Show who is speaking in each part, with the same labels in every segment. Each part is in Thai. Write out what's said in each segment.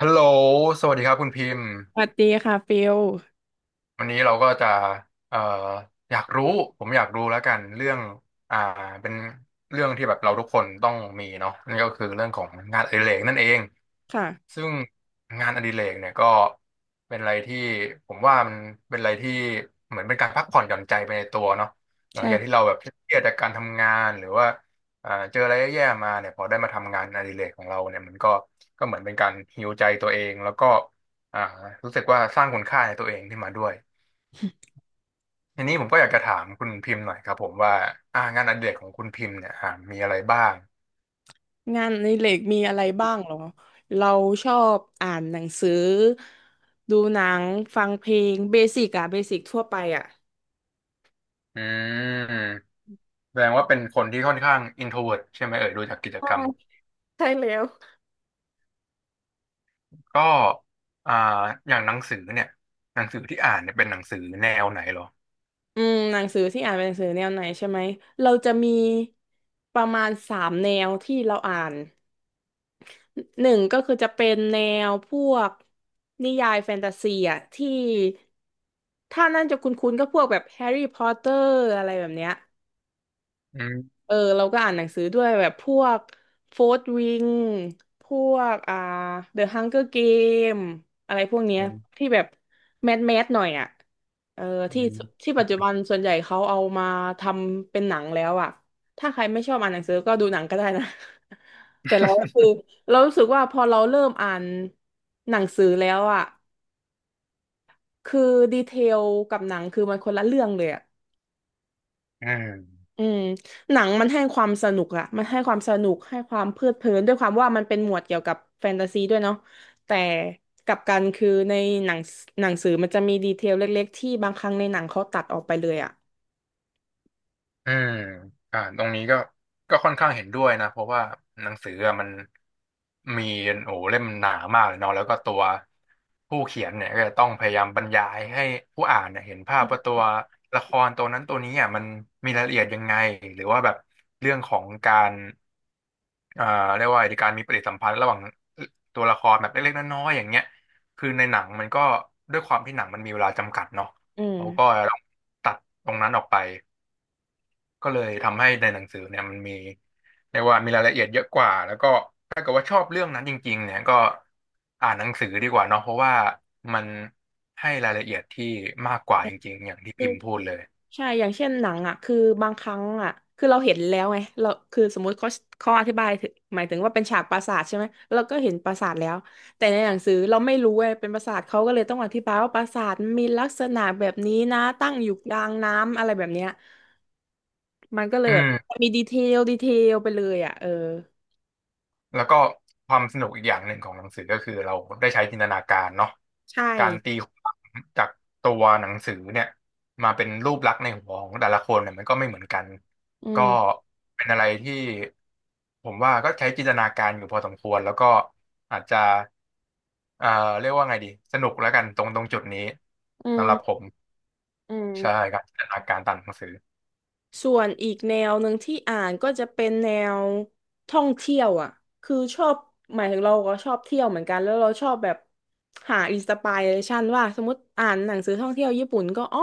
Speaker 1: ฮัลโหลสวัสดีครับคุณพิมพ์
Speaker 2: สวัส ดีค่ะฟิล
Speaker 1: วันนี้เราก็จะเอ่ออยากรู้ผมอยากรู้แล้วกันเรื่องอ่าเป็นเรื่องที่แบบเราทุกคนต้องมีเนาะนั่นก็คือเรื่องของงานอดิเรกนั่นเอง
Speaker 2: ค่ะ
Speaker 1: ซึ่งงานอดิเรกเนี่ยก็เป็นอะไรที่ผมว่ามันเป็นอะไรที่เหมือนเป็นการพักผ่อนหย่อนใจไปในตัวเนาะหลังจากที่
Speaker 2: ใช่
Speaker 1: เราแบบเครียดจากการทำงานหรือว่าเจออะไรแย่ๆมาเนี่ยพอได้มาทำงานอดิเรกของเราเนี่ยมันก็เหมือนเป็นการฮีลใจตัวเองแล้วก็อ่ารู้สึกว่าสร้างคุณค่าในตัวเองขึ้นมาด้วย ทีนี้ผมก็อยากจะถามคุณพิมพ์หน่อยครับผมว่างานอดิเรกของคุณพิมพ์เนี่ยมีอะไรบ้าง
Speaker 2: งานในเหล็กมีอะไรบ้างเหรอเราชอบอ่านหนังสือดูหนังฟังเพลงเบสิกอะเบสิกทั่วไปอะ
Speaker 1: อืมแสดงว่าเป็นคนที่ค่อนข้าง introvert ใช่ไหมเอ่ยดูจากกิจ
Speaker 2: ใช่
Speaker 1: กรรม
Speaker 2: ใช่แล้ว
Speaker 1: ก็อ่าอย่างหนังสือเนี่ยหนังสือที่อ่านเนี่ยเป็นหนังสือแนวไหนเหรอ
Speaker 2: หนังสือที่อ่านเป็นหนังสือแนวไหนใช่ไหมเราจะมีประมาณสามแนวที่เราอ่านหนึ่งก็คือจะเป็นแนวพวกนิยายแฟนตาซีอะที่ถ้านั่นจะคุ้นๆก็พวกแบบแฮร์รี่พอตเตอร์อะไรแบบเนี้ย
Speaker 1: อืม
Speaker 2: เออเราก็อ่านหนังสือด้วยแบบพวกโฟร์ w วิงพวกเดอะฮังเกอร์เกมอะไรพวกเนี้ย
Speaker 1: อืม
Speaker 2: ที่แบบแมสแมสหน่อยอ่ะเออที่ที่ปัจจุบันส่วนใหญ่เขาเอามาทำเป็นหนังแล้วอ่ะถ้าใครไม่ชอบอ่านหนังสือก็ดูหนังก็ได้นะ แต่เราก็คือเรารู้สึกว่าพอเราเริ่มอ่านหนังสือแล้วอ่ะคือดีเทลกับหนังคือมันคนละเรื่องเลยอ่ะ
Speaker 1: อืม
Speaker 2: อืมหนังมันให้ความสนุกอะมันให้ความสนุกให้ความเพลิดเพลินด้วยความว่ามันเป็นหมวดเกี่ยวกับแฟนตาซีด้วยเนาะแต่กลับกันคือในหนังหนังสือมันจะมีดีเทลเล็กๆที่บางครั้งในหนังเขาตัดออกไปเลยอะ
Speaker 1: อืมตรงนี้ก็ค่อนข้างเห็นด้วยนะเพราะว่าหนังสืออะมันมีโอ้โหเล่มหนามากเลยเนาะแล้วก็ตัวผู้เขียนเนี่ยก็จะต้องพยายามบรรยายให้ผู้อ่านเนี่ยเห็นภาพว่าตัวละครตัวนั้นตัวนี้อ่ะมันมีรายละเอียดยังไงหรือว่าแบบเรื่องของการเอ่าเรียกว่าอะไรดีการมีปฏิสัมพันธ์ระหว่างตัวละครแบบเล็กๆน้อยๆอย่างเงี้ยคือในหนังมันก็ด้วยความที่หนังมันมีเวลาจำกัดเนาะ
Speaker 2: อืม
Speaker 1: เขาก็ต้องตัดตรงนั้นออกไป ก็เลยทำให้ในหนังสือเนี่ยมันมีเรียกว่ามีรายละเอียดเยอะกว่าแล้วก็ถ้าเกิดว่าชอบเรื่องนั้นจริงๆเนี่ยก็อ่านหนังสือดีกว่าเนาะเพราะว่ามันให้รายละเอียดที่มากกว่าจริงๆอย่างที่พิมพ์พูดเลย
Speaker 2: ใช่อย่างเช่นหนังอ่ะ คือบางครั้งอ่ะ คือเราเห็นแล้วไงเราคือสมมุติเขาอธิบายถึงหมายถึงว่าเป็นฉากปราสาทใช่ไหมเราก็เห็นปราสาทแล้ว แต่ในหนังสือเราไม่รู้ไงเป็นปราสาทเขาก็เลยต้องอธิบายว่าปราสาทมีลักษณะแบบนี้นะตั้งอยู่กลางน้ำอะไรแบบเนี้ยมันก็เลย
Speaker 1: อื
Speaker 2: แบบ
Speaker 1: ม
Speaker 2: มีดีเทลไปเลยอ่ะเออ
Speaker 1: แล้วก็ความสนุกอีกอย่างหนึ่งของหนังสือก็คือเราได้ใช้จินตนาการเนาะ
Speaker 2: ใช่
Speaker 1: การตีความจากตัวหนังสือเนี่ยมาเป็นรูปลักษณ์ในหัวของแต่ละคนเนี่ยมันก็ไม่เหมือนกัน
Speaker 2: อื
Speaker 1: ก็
Speaker 2: ม
Speaker 1: เป็นอะไรที่ผมว่าก็ใช้จินตนาการอยู่พอสมควรแล้วก็อาจจะเอ่อเรียกว่าไงดีสนุกแล้วกันตรงจุดนี้
Speaker 2: อื
Speaker 1: สำหรับผ
Speaker 2: ม
Speaker 1: ม
Speaker 2: อื
Speaker 1: ใช่
Speaker 2: ม
Speaker 1: ครับจินตนาการตามหนังสือ
Speaker 2: ส่วนอีกแนวหนึ่งที่อ่านก็จะเป็นแนวท่องเที่ยวอ่ะคือชอบหมายถึงเราก็ชอบเที่ยวเหมือนกันแล้วเราชอบแบบหาอินสปิเรชันว่าสมมติอ่านหนังสือท่องเที่ยวญี่ปุ่นก็อ้อ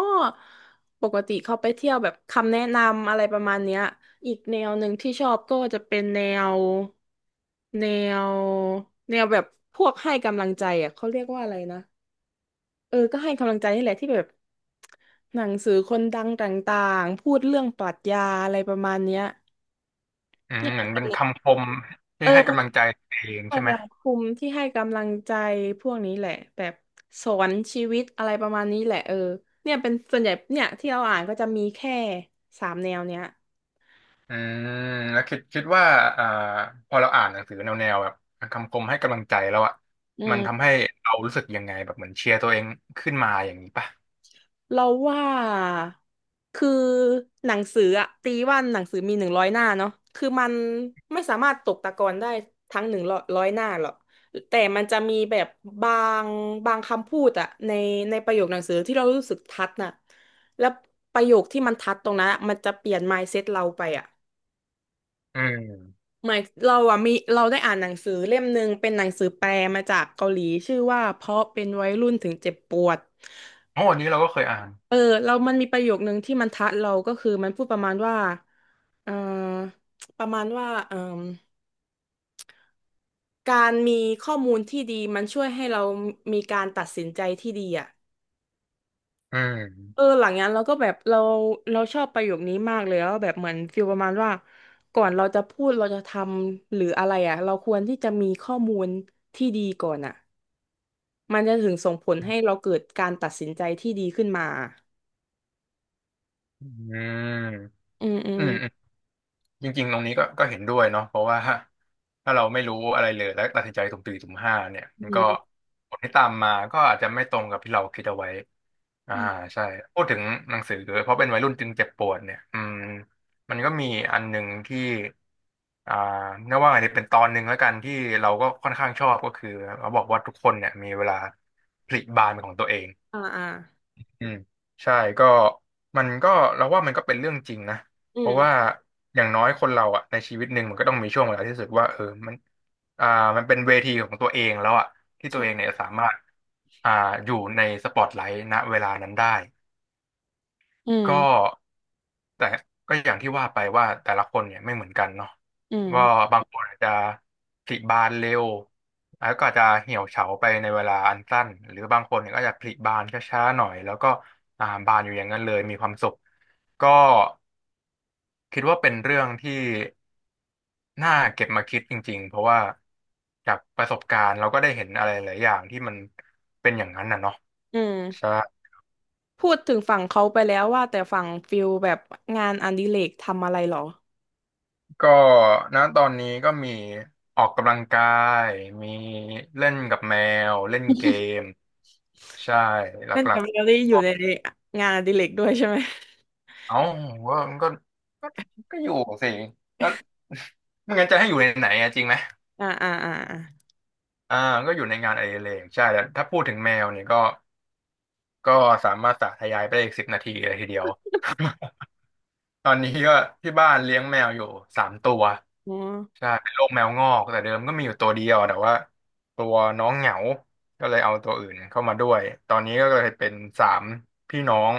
Speaker 2: ปกติเขาไปเที่ยวแบบคำแนะนำอะไรประมาณเนี้ยอีกแนวหนึ่งที่ชอบก็จะเป็นวแนวแนวแบบพวกให้กำลังใจอ่ะเขาเรียกว่าอะไรนะ เออก็ให้กำลังใจนี่แหละที่แบบหนังสือคนดังต่างๆพูดเรื่องปรัชญาอะไรประมาณเนี้ย
Speaker 1: อื
Speaker 2: เนี่
Speaker 1: ม
Speaker 2: ย
Speaker 1: เหมือน
Speaker 2: เป็
Speaker 1: เป็
Speaker 2: น
Speaker 1: นคำคม
Speaker 2: เอ
Speaker 1: ที่
Speaker 2: อ
Speaker 1: ให้
Speaker 2: พ
Speaker 1: กำลัง
Speaker 2: ว
Speaker 1: ใจตัวเอง
Speaker 2: ก
Speaker 1: ใช่ไหม
Speaker 2: แบบคุมที่ให้กำลังใจพวกนี้แหละแบบสอนชีวิตอะไรประมาณนี้แหละเออเนี่ยเป็นส่วนใหญ่เนี่ยที่เราอ่านก็จะมีแค่สามแนวเนี้ย
Speaker 1: อืมแล้วคิดว่าอ่าพอเราอ่านหนังสือแนวแบบคำคมให้กำลังใจแล้วอ่ะ
Speaker 2: อื
Speaker 1: มันทำ
Speaker 2: ม
Speaker 1: ให้เรารู้สึกยังไงแบบเหมือนเชียร์ตัวเองขึ้นมาอย่างนี้ป่ะ
Speaker 2: เราว่าคือหนังสืออะตีว่าหนังสือมีหนึ่งร้อยหน้าเนาะคือมันไม่สามารถตกตะกอนได้ทั้งหนึ่งร้อยหน้าหรอกแต่มันจะมีแบบบางบางคำพูดอะในประโยคหนังสือที่เรารู้สึกทัดน่ะแล้วประโยคที่มันทัดตรงนั้นอะมันจะเปลี่ยน mindset เราไปอะ
Speaker 1: อืม
Speaker 2: หมายเราอะมีเราได้อ่านหนังสือเล่มหนึ่งเป็นหนังสือแปลมาจากเกาหลีชื่อว่าเพราะเป็นวัยรุ่นถึงเจ็บปวด
Speaker 1: โอ้อันนี้เราก็เคยอ่าน
Speaker 2: เออเรามันมีประโยคนึงที่มันทัดเราก็คือมันพูดเอ่อประมาณว่าการมีข้อมูลที่ดีมันช่วยให้เรามีการตัดสินใจที่ดีอ่ะ
Speaker 1: อื
Speaker 2: เออ
Speaker 1: ม
Speaker 2: หลังนั้นเราก็แบบเราชอบประโยคนี้มากเลยแล้วแบบเหมือนฟีลประมาณว่าก่อนเราจะพูดเราจะทำหรืออะไรอ่ะเราควรที่จะมีข้อมูลที่ดีก่อนอ่ะมันจะถึงส่งผลให้เราเกิดการตัดสินใจที่ดีขึ้นมา
Speaker 1: อืม
Speaker 2: อืมอื
Speaker 1: อื
Speaker 2: ม
Speaker 1: มอืม จริงๆ ตรงนี้ก็เห็นด้วยเนาะเพราะว่า ถ้าเราไม่รู้อะไรเลยและตัดสินใจตุ่มสี่มตุ่มห้าเนี่ย
Speaker 2: อื
Speaker 1: มันก็
Speaker 2: ม
Speaker 1: ผลที่ตามมาก็อาจจะไม่ตรงกับที่เราคิดเอาไว้อ่า
Speaker 2: อม
Speaker 1: ใช่พูดถึงหนังสือเพราะเป็นวัยรุ่นจึงเจ็บปวดเนี่ยอืมมันก็มีอันหนึ่งที่อ่าเรียกว่าไงดีเป็นตอนหนึ่งแล้วกันที่เราก็ค่อนข้างชอบก็คือเขาบอกว่าทุกคนเนี่ยมีเวลาผลิบานเป็นของตัวเอง
Speaker 2: อ่าอ่า
Speaker 1: อืมใช่ก็มันก็เราว่ามันก็เป็นเรื่องจริงนะ
Speaker 2: อื
Speaker 1: เพราะว่า
Speaker 2: ม
Speaker 1: อย่างน้อยคนเราอะในชีวิตหนึ่งมันก็ต้องมีช่วงเวลาที่รู้สึกว่าเออมันอ่ามันเป็นเวทีของตัวเองแล้วอะที่ตัวเอ
Speaker 2: ใช่
Speaker 1: งเนี่ยสามารถอ่าอยู่ในสปอตไลท์ณเวลานั้นได้
Speaker 2: อื
Speaker 1: ก็
Speaker 2: ม
Speaker 1: แต่ก็อย่างที่ว่าไปว่าแต่ละคนเนี่ยไม่เหมือนกันเนาะ
Speaker 2: อืม
Speaker 1: ว่าบางคนอาจจะผลิบานเร็วแล้วก็อาจจะเหี่ยวเฉาไปในเวลาอันสั้นหรือบางคนเนี่ยก็จะผลิบานช้าๆหน่อยแล้วก็บานอยู่อย่างนั้นเลยมีความสุขก็คิดว่าเป็นเรื่องที่น่าเก็บมาคิดจริงๆเพราะว่าจากประสบการณ์เราก็ได้เห็นอะไรหลายอย่างที่มันเป็นอย่างนั้นน่ะเนาะ
Speaker 2: อื
Speaker 1: ใช่
Speaker 2: มพูดถึงฝั่งเขาไปแล้วว่าแต่ฝั่งฟิลแบบงานอดิเรกทำอะไรหรอ
Speaker 1: ก็ณตอนนี้ก็มีออกกำลังกายมีเล่นกับแมวเล่นเกมใช่ห
Speaker 2: เล่น
Speaker 1: ลั
Speaker 2: กั
Speaker 1: ก
Speaker 2: บเรลลี่
Speaker 1: ๆ
Speaker 2: อยู่
Speaker 1: ก็
Speaker 2: ในงานอดิเรกด้วยใช่ไหม
Speaker 1: เอ้าว่ามันก็ก็ก็อยู่สิแล้วไม่งั้นจะให้อยู่ในไหนอะจริงไหม
Speaker 2: อ่าอ่าอ่าอ่า
Speaker 1: อ่าก็อยู่ในงานอดิเรกใช่แล้วถ้าพูดถึงแมวเนี่ยก็ก็สามารถสาธยายไปได้อีก10 นาทีเลยทีเดียว ตอนนี้ก็ที่บ้านเลี้ยงแมวอยู่3 ตัว
Speaker 2: อ๋อ
Speaker 1: ใช่เป็นโรคแมวงอกแต่เดิมก็มีอยู่ตัวเดียวแต่ว่าตัวน้องเหงา ก็เลยเอาตัวอื่นเข้ามาด้วยตอนนี้ก็เลยเป็นสามพี่น้อง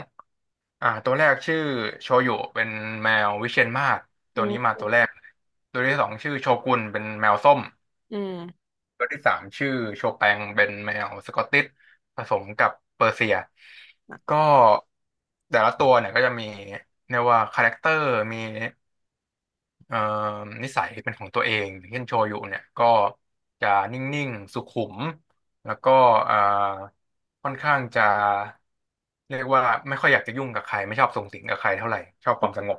Speaker 1: อ่าตัวแรกชื่อโชยุเป็นแมววิเชียรมาศตั
Speaker 2: อื
Speaker 1: วนี้มา
Speaker 2: ม
Speaker 1: ตัวแรกตัวที่สองชื่อโชกุนเป็นแมวส้ม
Speaker 2: อืม
Speaker 1: ตัวที่สามชื่อโชแปงเป็นแมวสกอตติชผสมกับเปอร์เซียก็แต่ละตัวเนี่ยก็จะมีเรียกว่าคาแรคเตอร์มี เอ่อนิสัยเป็นของตัวเองอย่างเช่นโชยุเนี่ยก็จะนิ่งๆสุขุมแล้วก็เอ่อค่อนข้างจะเรียกว่าไม่ค่อยอยากจะยุ่งกับใครไม่ชอบสุงสิงกับใครเท่าไหร่ชอบความสงบ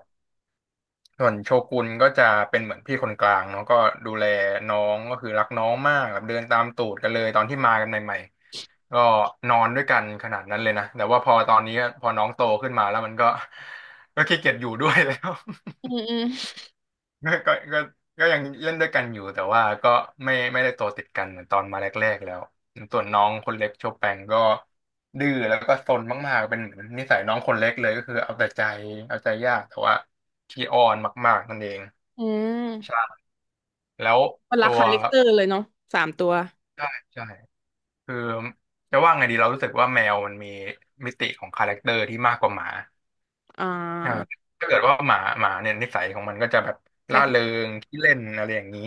Speaker 1: ส่วนโชกุนก็จะเป็นเหมือนพี่คนกลางเนาะก็ดูแลน้องก็คือรักน้องมากแบบเดินตามตูดกันเลยตอนที่มากันใหม่ๆก็นอนด้วยกันขนาดนั้นเลยนะแต่ว่าพอตอนนี้พอน้องโตขึ้นมาแล้วมันก็ ก็ขี้เกียจอยู่ด้วยแล้ว
Speaker 2: อืมอืม
Speaker 1: ก็ก็ยังเล่นด้วยกันอยู่แต่ว่าก็ไม่ได้โตติดกันเหมือนตอนมาแรกๆแล้วส่วนน้องคนเล็กโชแปงก็ดื้อแล้วก็ซนมากๆเป็นเหมือนนิสัยน้องคนเล็กเลยก็คือเอาแต่ใจเอาใจยากแต่ว่าขี้อ้อนมากๆนั่นเอง
Speaker 2: อืม
Speaker 1: ใช่แล้ว
Speaker 2: มนละ
Speaker 1: ตัว
Speaker 2: คาแรคเตอร์เลยเนาะสามตัว
Speaker 1: ใช่ใช่คือจะว่าไงดีเรารู้สึกว่าแมวมันมีมิติของคาแรคเตอร์ที่มากกว่าหมา
Speaker 2: อ่
Speaker 1: อ่า
Speaker 2: า
Speaker 1: ถ้าเกิดว่าหมาเนี่ยนิสัยของมันก็จะแบบร่าเริ
Speaker 2: ใช่
Speaker 1: งขี้เล่นอะไรอย่างนี้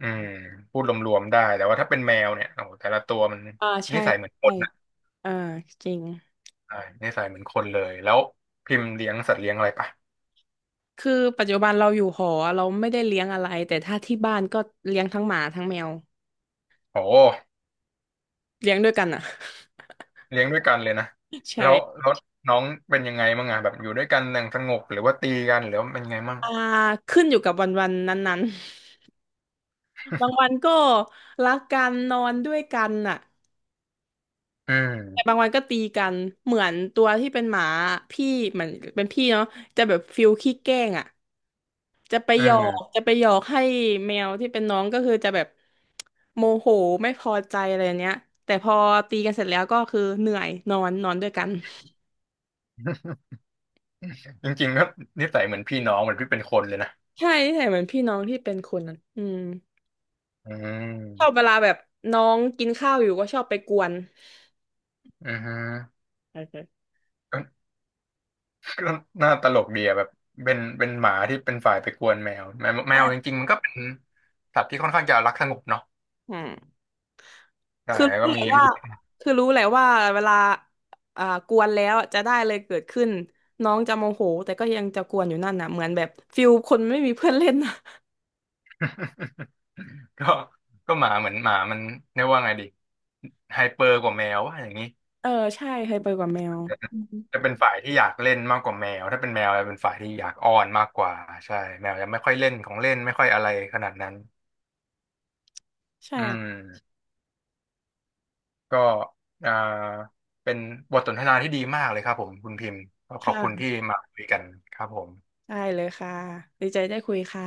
Speaker 1: อืมพูดรวมๆได้แต่ว่าถ้าเป็นแมวเนี่ยโอ้โหแต่ละตัวมัน
Speaker 2: อ่าใช่
Speaker 1: นิสัยเหมือนค
Speaker 2: ใช่
Speaker 1: นนะ
Speaker 2: เออจริง
Speaker 1: ใช่นิสัยเหมือนคนเลยแล้วพิมพ์เลี้ยงสัตว์เลี้ยงอะไรปะ
Speaker 2: คือปัจจุบันเราอยู่หอเราไม่ได้เลี้ยงอะไรแต่ถ้าที่บ้านก็เลี้ยงทั้งหมาทั้งแมว
Speaker 1: โอ้
Speaker 2: เลี้ยงด้วยกันอ่ะ
Speaker 1: เลี้ยงด้วยกันเลยนะ
Speaker 2: ใช่
Speaker 1: แล้วแล้วน้องเป็นยังไงมั่งอะแบบอยู่ด้วยกันอย่างสงบหรือว่าตีกันหรือว่าเป็นยังไงมั่ง
Speaker 2: อ่าขึ้นอยู่กับวันวันนั้นๆ บางวันก็รักกันนอนด้วยกันน่ะ
Speaker 1: อื
Speaker 2: แต่
Speaker 1: ม
Speaker 2: บางวันก็ตีกันเหมือนตัวที่เป็นหมาพี่เหมือนเป็นพี่เนาะจะแบบฟิลขี้แกล้งอ่ะจะไป
Speaker 1: อื
Speaker 2: หยอก
Speaker 1: ม
Speaker 2: จะไปหยอกให้แมวที่เป็นน้องก็คือจะแบบโมโหไม่พอใจอะไรเนี้ยแต่พอตีกันเสร็จแล้วก็คือเหนื่อยนอนนอนด้วยกัน
Speaker 1: จริงๆก็นิสัยเหมือนพี่น้องเหมือนพี่เป็นคนเลยนะ
Speaker 2: ใช่ใช่เหมือนพี่น้องที่เป็นคนนั้นอืม
Speaker 1: อื
Speaker 2: ชอบเว
Speaker 1: ม
Speaker 2: ลาแบบน้องกินข้าวอยู่ก็ชอบไปกวน
Speaker 1: อือฮึ
Speaker 2: ใช่ใช่
Speaker 1: ก็ก็น่าตลกดีอะแบบเป็นหมาที่เป็นฝ่ายไปกวนแมวจริงๆมันก็เป็นสัตว์ที่ค่อนข้างจะรักสงบเนาะ
Speaker 2: อืม
Speaker 1: ใช่
Speaker 2: คือ
Speaker 1: แล้วก็
Speaker 2: รู้แห
Speaker 1: มี
Speaker 2: ละว่า
Speaker 1: มี
Speaker 2: คือรู้แหละว่าเวลาอ่ากวนแล้วจะได้เลยเกิดขึ้นน้องจะโมโหแต่ก็ยังจะกวนอยู่นั่นน่ะเหมือนแบบฟิลคนไม่มีเพื่อนเล่นน่ะ
Speaker 1: ก็ก็หมาเหมือนหมามันเรียกว่าไงดีไฮเปอร์กว่าแมวว่าอย่างนี้
Speaker 2: เออใช่เคยไปกับแมวอืม
Speaker 1: จะเป็นฝ่ายที่อยากเล่นมากกว่าแมวถ้าเป็นแมวจะเป็นฝ่ายที่อยากอ้อนมากกว่าใช่แมวจะไม่ค่อยเล่นของเล่นไม่ค่อยอะไรขนาดนั้น
Speaker 2: ใช่
Speaker 1: อืมก็อ่าเป็นบทสนทนาที่ดีมากเลยครับผมคุณพิมพ์ก็ขอบคุณที่
Speaker 2: ค่ะ
Speaker 1: มาคุยกันครับผม
Speaker 2: ได้เลยค่ะดีใจได้คุยค่ะ